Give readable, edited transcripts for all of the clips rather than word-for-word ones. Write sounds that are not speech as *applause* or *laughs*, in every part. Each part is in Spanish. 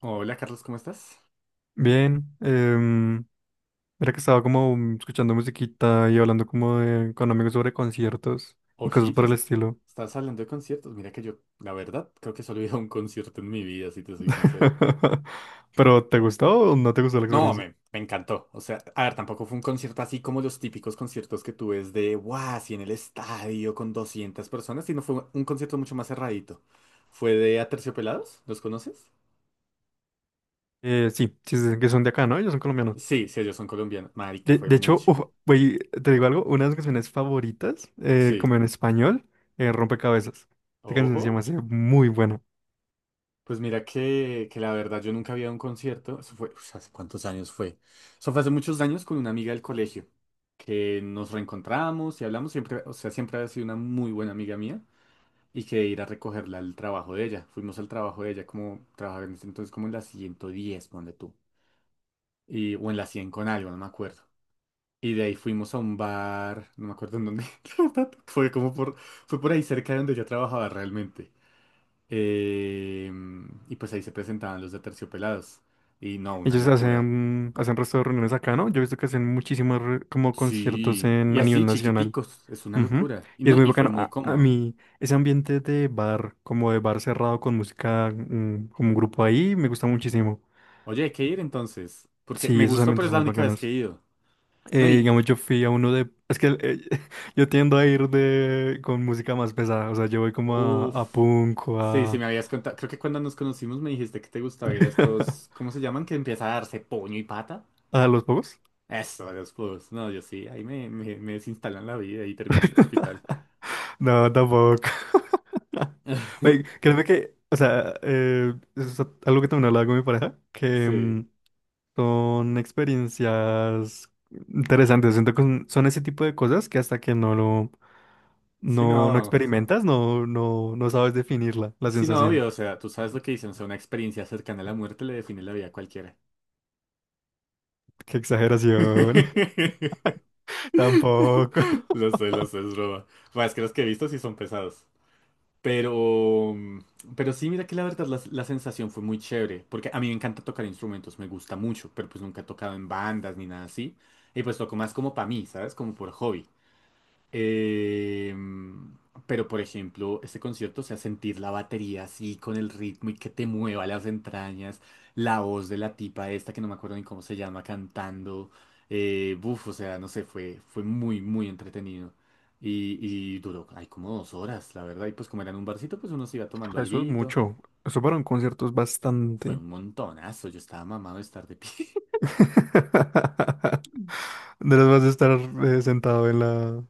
Hola Carlos, ¿cómo estás? Bien, era que estaba como escuchando musiquita y hablando como de, con amigos sobre conciertos y cosas Ojita, por el estilo. estás hablando de conciertos. Mira que yo, la verdad, creo que solo he ido a un concierto en mi vida, si te soy sincero. *laughs* Pero, ¿te gustó o no te gustó la No, experiencia? me encantó. O sea, a ver, tampoco fue un concierto así como los típicos conciertos que tú ves de, wow, así en el estadio con 200 personas, sino fue un concierto mucho más cerradito. Fue de Aterciopelados, ¿los conoces? Sí, sí, sí, sí, que son de acá, ¿no? Ellos son colombianos. Sí, sí, ellos son colombianos. Marica, De, fue de muy hecho, uf, chévere. güey, te digo algo, una de mis canciones favoritas, Sí. como en español, Rompecabezas. Esta canción se me Ojo. hace muy buena. Pues mira que la verdad yo nunca había ido a un concierto. Eso fue, uf, ¿hace cuántos años fue? Eso fue hace muchos años con una amiga del colegio, que nos reencontramos y hablamos siempre, o sea, siempre ha sido una muy buena amiga mía y que ir a recogerla al trabajo de ella. Fuimos al trabajo de ella como trabajaba en ese entonces como en la 110 ponle tú, y, o en la 100 con algo, no me acuerdo. Y de ahí fuimos a un bar, no me acuerdo en dónde, *laughs* la verdad, fue como por, fue por ahí cerca de donde yo trabajaba realmente. Eh, y pues ahí se presentaban los de Terciopelados. Y no, una Ellos locura. Hacen resto de reuniones acá, ¿no? Yo he visto que hacen muchísimos como conciertos Sí, y en, a así nivel nacional. chiquiticos, es una Ujú. locura. Y Y es no, muy y fue bacano. muy A cómodo. mí, ese ambiente de bar, como de bar cerrado con música, como un grupo ahí, me gusta muchísimo. Oye, hay que ir entonces, porque Sí, me esos gustó, pero ambientes es son la muy única vez que he bacanos. ido. No, y Digamos, yo fui a uno de... Es que *laughs* yo tiendo a ir de, con música más pesada. O sea, yo voy como a uff. punk o Sí, sí a... me habías contado. Creo que cuando nos conocimos me dijiste que te gustaba ir a estos, *laughs* ¿cómo se llaman? Que empieza a darse puño y pata. ¿A los pocos? Eso, a los clubs. No, yo sí, ahí me desinstalan la vida y termino en el hospital. No, tampoco. *laughs* Oye, *laughs* créeme que... O sea, eso es algo que también hablaba con mi pareja, que... Sí, son experiencias interesantes. Siento que son ese tipo de cosas que hasta que no lo sí, no no. experimentas, no sabes definirla, la Sí, no, sensación. obvio, o sea, tú sabes lo que dicen, o sea, una experiencia cercana a la muerte le define la vida a cualquiera. Qué exageración. *laughs* *laughs* Tampoco. Lo sé, es broma. Bueno, es que los que he visto sí son pesados. Pero, mm, pero sí, mira que la verdad la sensación fue muy chévere, porque a mí me encanta tocar instrumentos, me gusta mucho, pero pues nunca he tocado en bandas ni nada así. Y pues toco más como para mí, ¿sabes? Como por hobby. Em, pero, por ejemplo, este concierto, o sea, sentir la batería así con el ritmo y que te mueva las entrañas, la voz de la tipa esta, que no me acuerdo ni cómo se llama, cantando, buf, o sea, no sé, fue muy, muy entretenido. Y, y duró, hay como 2 horas, la verdad, y pues como era en un barcito, pues uno se iba *laughs* tomando Eso es alguito. mucho. Eso para un concierto es Fue bastante. un montonazo, yo estaba mamado de estar de pie. *laughs* *laughs* No les vas a estar sentado en la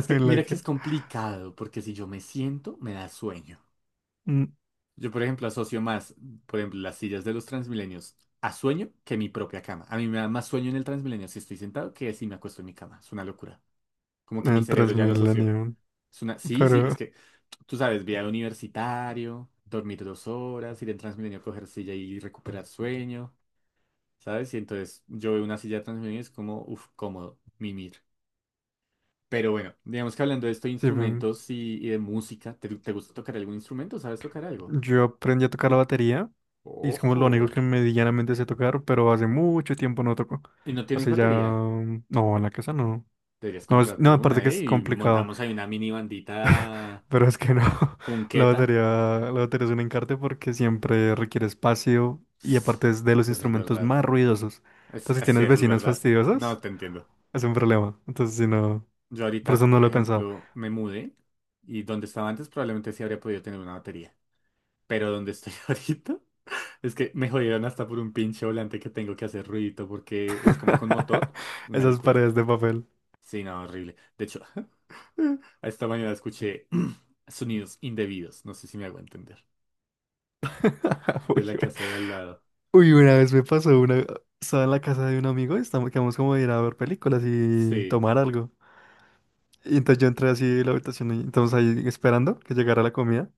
Es que, en la mira que que es complicado, porque si yo me siento, me da sueño. mm, Yo, por ejemplo, asocio más, por ejemplo, las sillas de los Transmilenios a sueño que mi propia cama. A mí me da más sueño en el Transmilenio si estoy sentado que si me acuesto en mi cama. Es una locura. Como que mi en cerebro ya lo asoció. Transmilenio. Es una... Sí, sí, Pero es que tú sabes, viaje universitario, dormir 2 horas, ir en Transmilenio a coger silla y recuperar sueño, ¿sabes? Y entonces yo veo una silla de Transmilenio y es como, uff, cómodo, mimir. Pero bueno, digamos que hablando de esto, de sí, ve. instrumentos y de música, ¿te gusta tocar algún instrumento? ¿Sabes tocar algo? Yo aprendí a tocar la batería y es como lo único Ojo. que medianamente sé tocar, pero hace mucho tiempo no toco. ¿Y no tienes Hace ya... batería? No, en la casa no. Deberías No, comprarte no, aparte una, que ¿eh? es Y complicado, montamos ahí una mini bandita *laughs* pero es que no. *laughs* La punqueta. batería, la batería es un encarte porque siempre requiere espacio y Sí, aparte es de los eso es instrumentos verdad. más ruidosos. Así, Entonces, si así, tienes eso es vecinas verdad. No fastidiosas, te entiendo. es un problema. Entonces, si no... Yo Por eso ahorita, no por lo he pensado. ejemplo, me mudé y donde estaba antes probablemente sí habría podido tener una batería. Pero donde estoy *laughs* ahorita es que me jodieron hasta por un pinche volante que tengo que hacer ruidito porque es como con *laughs* motor. Una Esas locura. paredes de papel. Sí, no, horrible. De hecho, *laughs* esta mañana escuché *clears throat* sonidos indebidos. No sé si me hago entender. *laughs* De Uy, la casa de al lado. Uy, una vez me pasó una. Estaba en la casa de un amigo, estamos, quedamos como de ir a ver películas y Sí. tomar algo. Y entonces yo entré así a la habitación, y estamos ahí esperando que llegara la comida.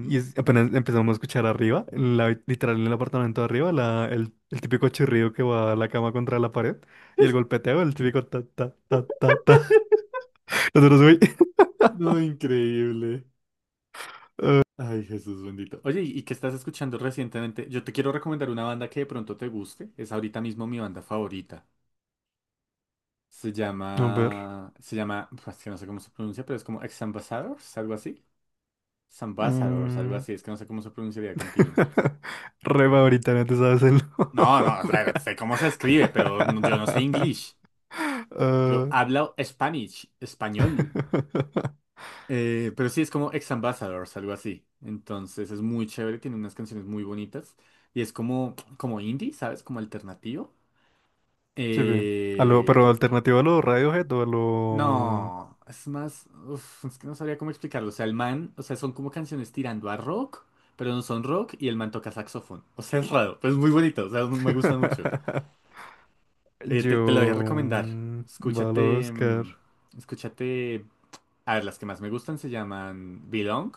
Apenas empezamos a escuchar arriba, en la literal en el apartamento de arriba, el típico chirrido que va a la cama contra la pared. Y el golpeteo, el típico ta ta ta ta ta. *laughs* Nosotros, uy. *laughs* No, increíble. Ay, Jesús bendito. Oye, ¿y qué estás escuchando recientemente? Yo te quiero recomendar una banda que de pronto te guste. Es ahorita mismo mi banda favorita. Se A ver. llama... Se llama... Pues, es que no sé cómo se pronuncia, pero es como Ex Ambassadors, algo así. Ambassadors, algo mm. así. Es que no sé cómo se pronunciaría continuo. *laughs* Re favorita, no te sabes el No, no, o nombre. sea, sé cómo se escribe, pero yo no sé *laughs* inglés. Yo Ah, hablo Spanish, español. *laughs* Pero sí es como Ex Ambassadors, algo así. Entonces es muy chévere, tiene unas canciones muy bonitas. Y es como, indie, ¿sabes? Como alternativo. sí, ve. A lo, pero Eh, alternativo a los Radiohead o a lo... no, es más, uf, es que no sabría cómo explicarlo. O sea, el man, o sea, son como canciones tirando a rock, pero no son rock y el man toca saxofón. *laughs* O sea, es raro, pero es muy bonito, o sea, me gusta mucho. *laughs* Te lo voy a Yo... recomendar. Vale, a Escúchate, buscar. Escúchate. A ver, las que más me gustan se llaman Belong.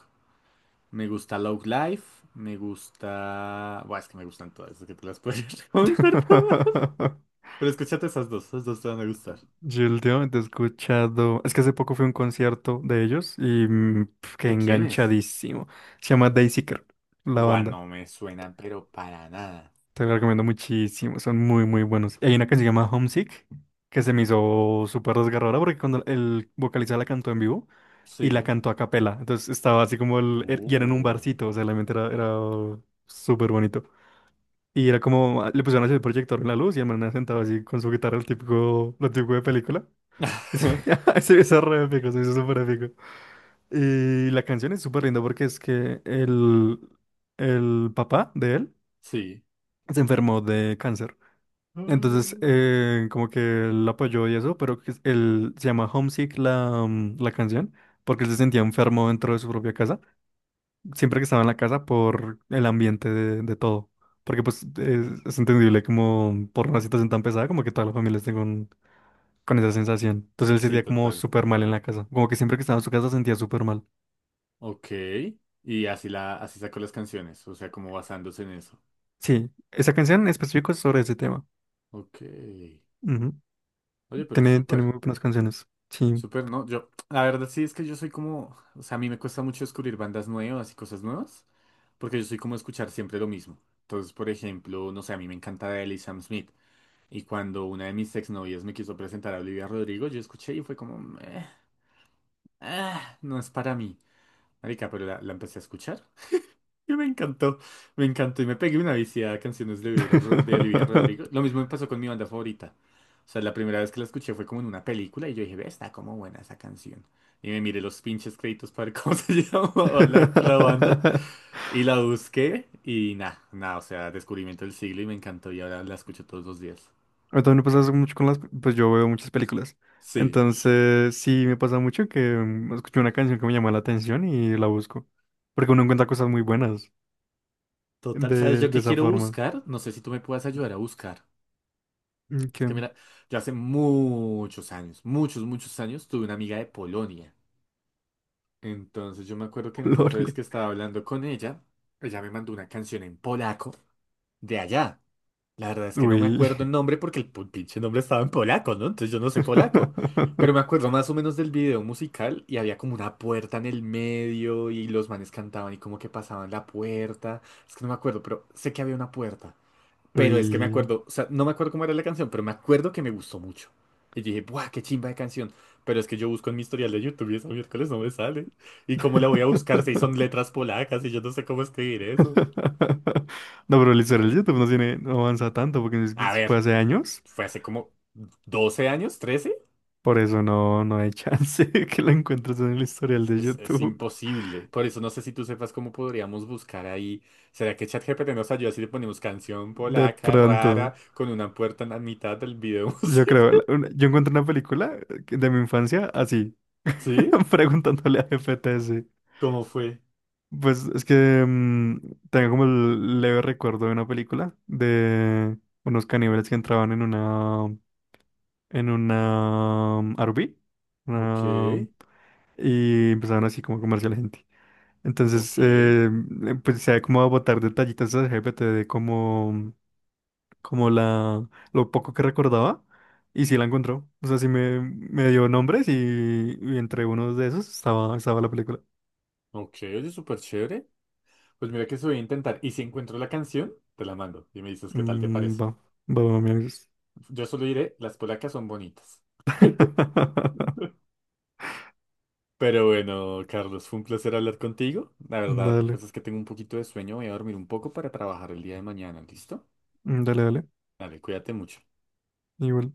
Me gusta Love Life, me gusta... Buah, es que me gustan todas, es que te las puedo *laughs* recomendar todas. *laughs* Pero escúchate esas dos te van a gustar. Yo últimamente he escuchado... Es que hace poco fui a un concierto de ellos y pf, quedé ¿De quién es? enganchadísimo. Se llama Daisy Girl, la Buah, banda. no me suena, pero para nada. Te lo recomiendo muchísimo, son muy, muy buenos. Y hay una canción que se llama Homesick, que se me hizo súper desgarradora porque cuando el vocalista la cantó en vivo y la Sí. cantó a capela, entonces estaba así como y era en un Uh. barcito, o sea, realmente era súper bonito. Y era como, le pusieron así el proyector en la luz y el man sentado así con su guitarra, el típico, lo típico de película. *laughs* Y *laughs* se hizo re épico, se hizo súper épico. Y la canción es súper linda porque es que el papá de él Sí. se enfermó de cáncer. Entonces, Mm. Como que él apoyó y eso, pero que él se llama Homesick la canción, porque él se sentía enfermo dentro de su propia casa, siempre que estaba en la casa por el ambiente de todo. Porque pues es entendible como por una situación tan pesada, como que todas las familias estén con esa sensación. Entonces él se Sí, sentía como total. súper mal en la casa, como que siempre que estaba en su casa se sentía súper mal. Ok. Y así así sacó las canciones, o sea, como basándose en eso. Sí, esa canción en específico es sobre ese tema. Ok. Ujú. Oye, pero Tiene súper. muy buenas canciones. Sí. Súper, ¿no? Yo, la verdad sí es que yo soy como, o sea, a mí me cuesta mucho descubrir bandas nuevas y cosas nuevas, porque yo soy como escuchar siempre lo mismo. Entonces, por ejemplo, no sé, a mí me encanta Adele y Sam Smith, y cuando una de mis exnovias me quiso presentar a Olivia Rodrigo, yo escuché y fue como, "Meh, ah, no es para mí". Marica, pero la empecé a escuchar. *laughs* Y me encantó y me pegué una viciada a canciones de Olivia Rodrigo. *laughs* Lo mismo me pasó con mi banda favorita. O sea, la primera vez que la escuché fue como en una película y yo dije, ve, está como buena esa canción. Y me miré los pinches créditos para ver cómo *laughs* se llamaba la banda. Y la busqué y nada, nada, o sea, descubrimiento del siglo y me encantó y ahora la escucho todos los días. A también me pasa eso mucho con las, pues yo veo muchas películas. Sí, Entonces, sí me pasa mucho que escucho una canción que me llama la atención y la busco. Porque uno encuentra cosas muy buenas total. ¿Sabes yo de qué esa quiero forma. buscar? No sé si tú me puedas ayudar a buscar. Es Qué que mira, yo hace muchos años, muchos, muchos años tuve una amiga de Polonia. Entonces yo me acuerdo que en ese entonces gloria. que estaba hablando con ella, ella me mandó una canción en polaco de allá. La verdad es que no me Uy. acuerdo el nombre porque pinche nombre estaba en polaco, ¿no? Entonces yo no sé polaco. Pero me *laughs* acuerdo más o menos del video musical y había como una puerta en el medio y los manes cantaban y como que pasaban la puerta. Es que no me acuerdo, pero sé que había una puerta. Pero es que me Uy. acuerdo, o sea, no me acuerdo cómo era la canción, pero me acuerdo que me gustó mucho. Y dije, ¡buah, qué chimba de canción! Pero es que yo busco en mi historial de YouTube y esa miércoles no me sale. ¿Y cómo la voy a buscar si son *laughs* letras polacas y yo no sé cómo escribir eso? No, pero el YouTube no tiene, no avanza tanto porque si es que A si ver, fue hace años. fue hace como 12 años, 13. Por eso no, no hay chance *laughs* que la encuentres en el historial de Es YouTube. imposible. Por eso no sé si tú sepas cómo podríamos buscar ahí. ¿Será que ChatGPT nos ayuda si le ponemos canción De polaca rara pronto. con una puerta en la mitad del video Yo creo, musical? Yo encuentro una película de mi infancia así, *laughs* ¿Sí? *laughs* preguntándole a GPTS. ¿Cómo fue? Pues es que tengo como el leve recuerdo de una película de unos caníbales que entraban en una RV, Ok, una- y empezaban así como a comerse a la gente. Entonces, ok. Pues se da como a botar detallitos a GPT de cómo como la, lo poco que recordaba, y sí la encontró. O sea, sí me dio nombres y entre unos de esos estaba, estaba la película. Ok, oye, súper chévere. Pues mira que eso voy a intentar. Y si encuentro la canción, te la mando y me dices qué tal te parece. Va, va, me avisas. Yo solo diré, las polacas son bonitas. *laughs* *laughs* Pero bueno, Carlos, fue un placer hablar contigo. La verdad, Dale, pues es que tengo un poquito de sueño. Voy a dormir un poco para trabajar el día de mañana, ¿listo? Dale. Dale, cuídate mucho. Igual.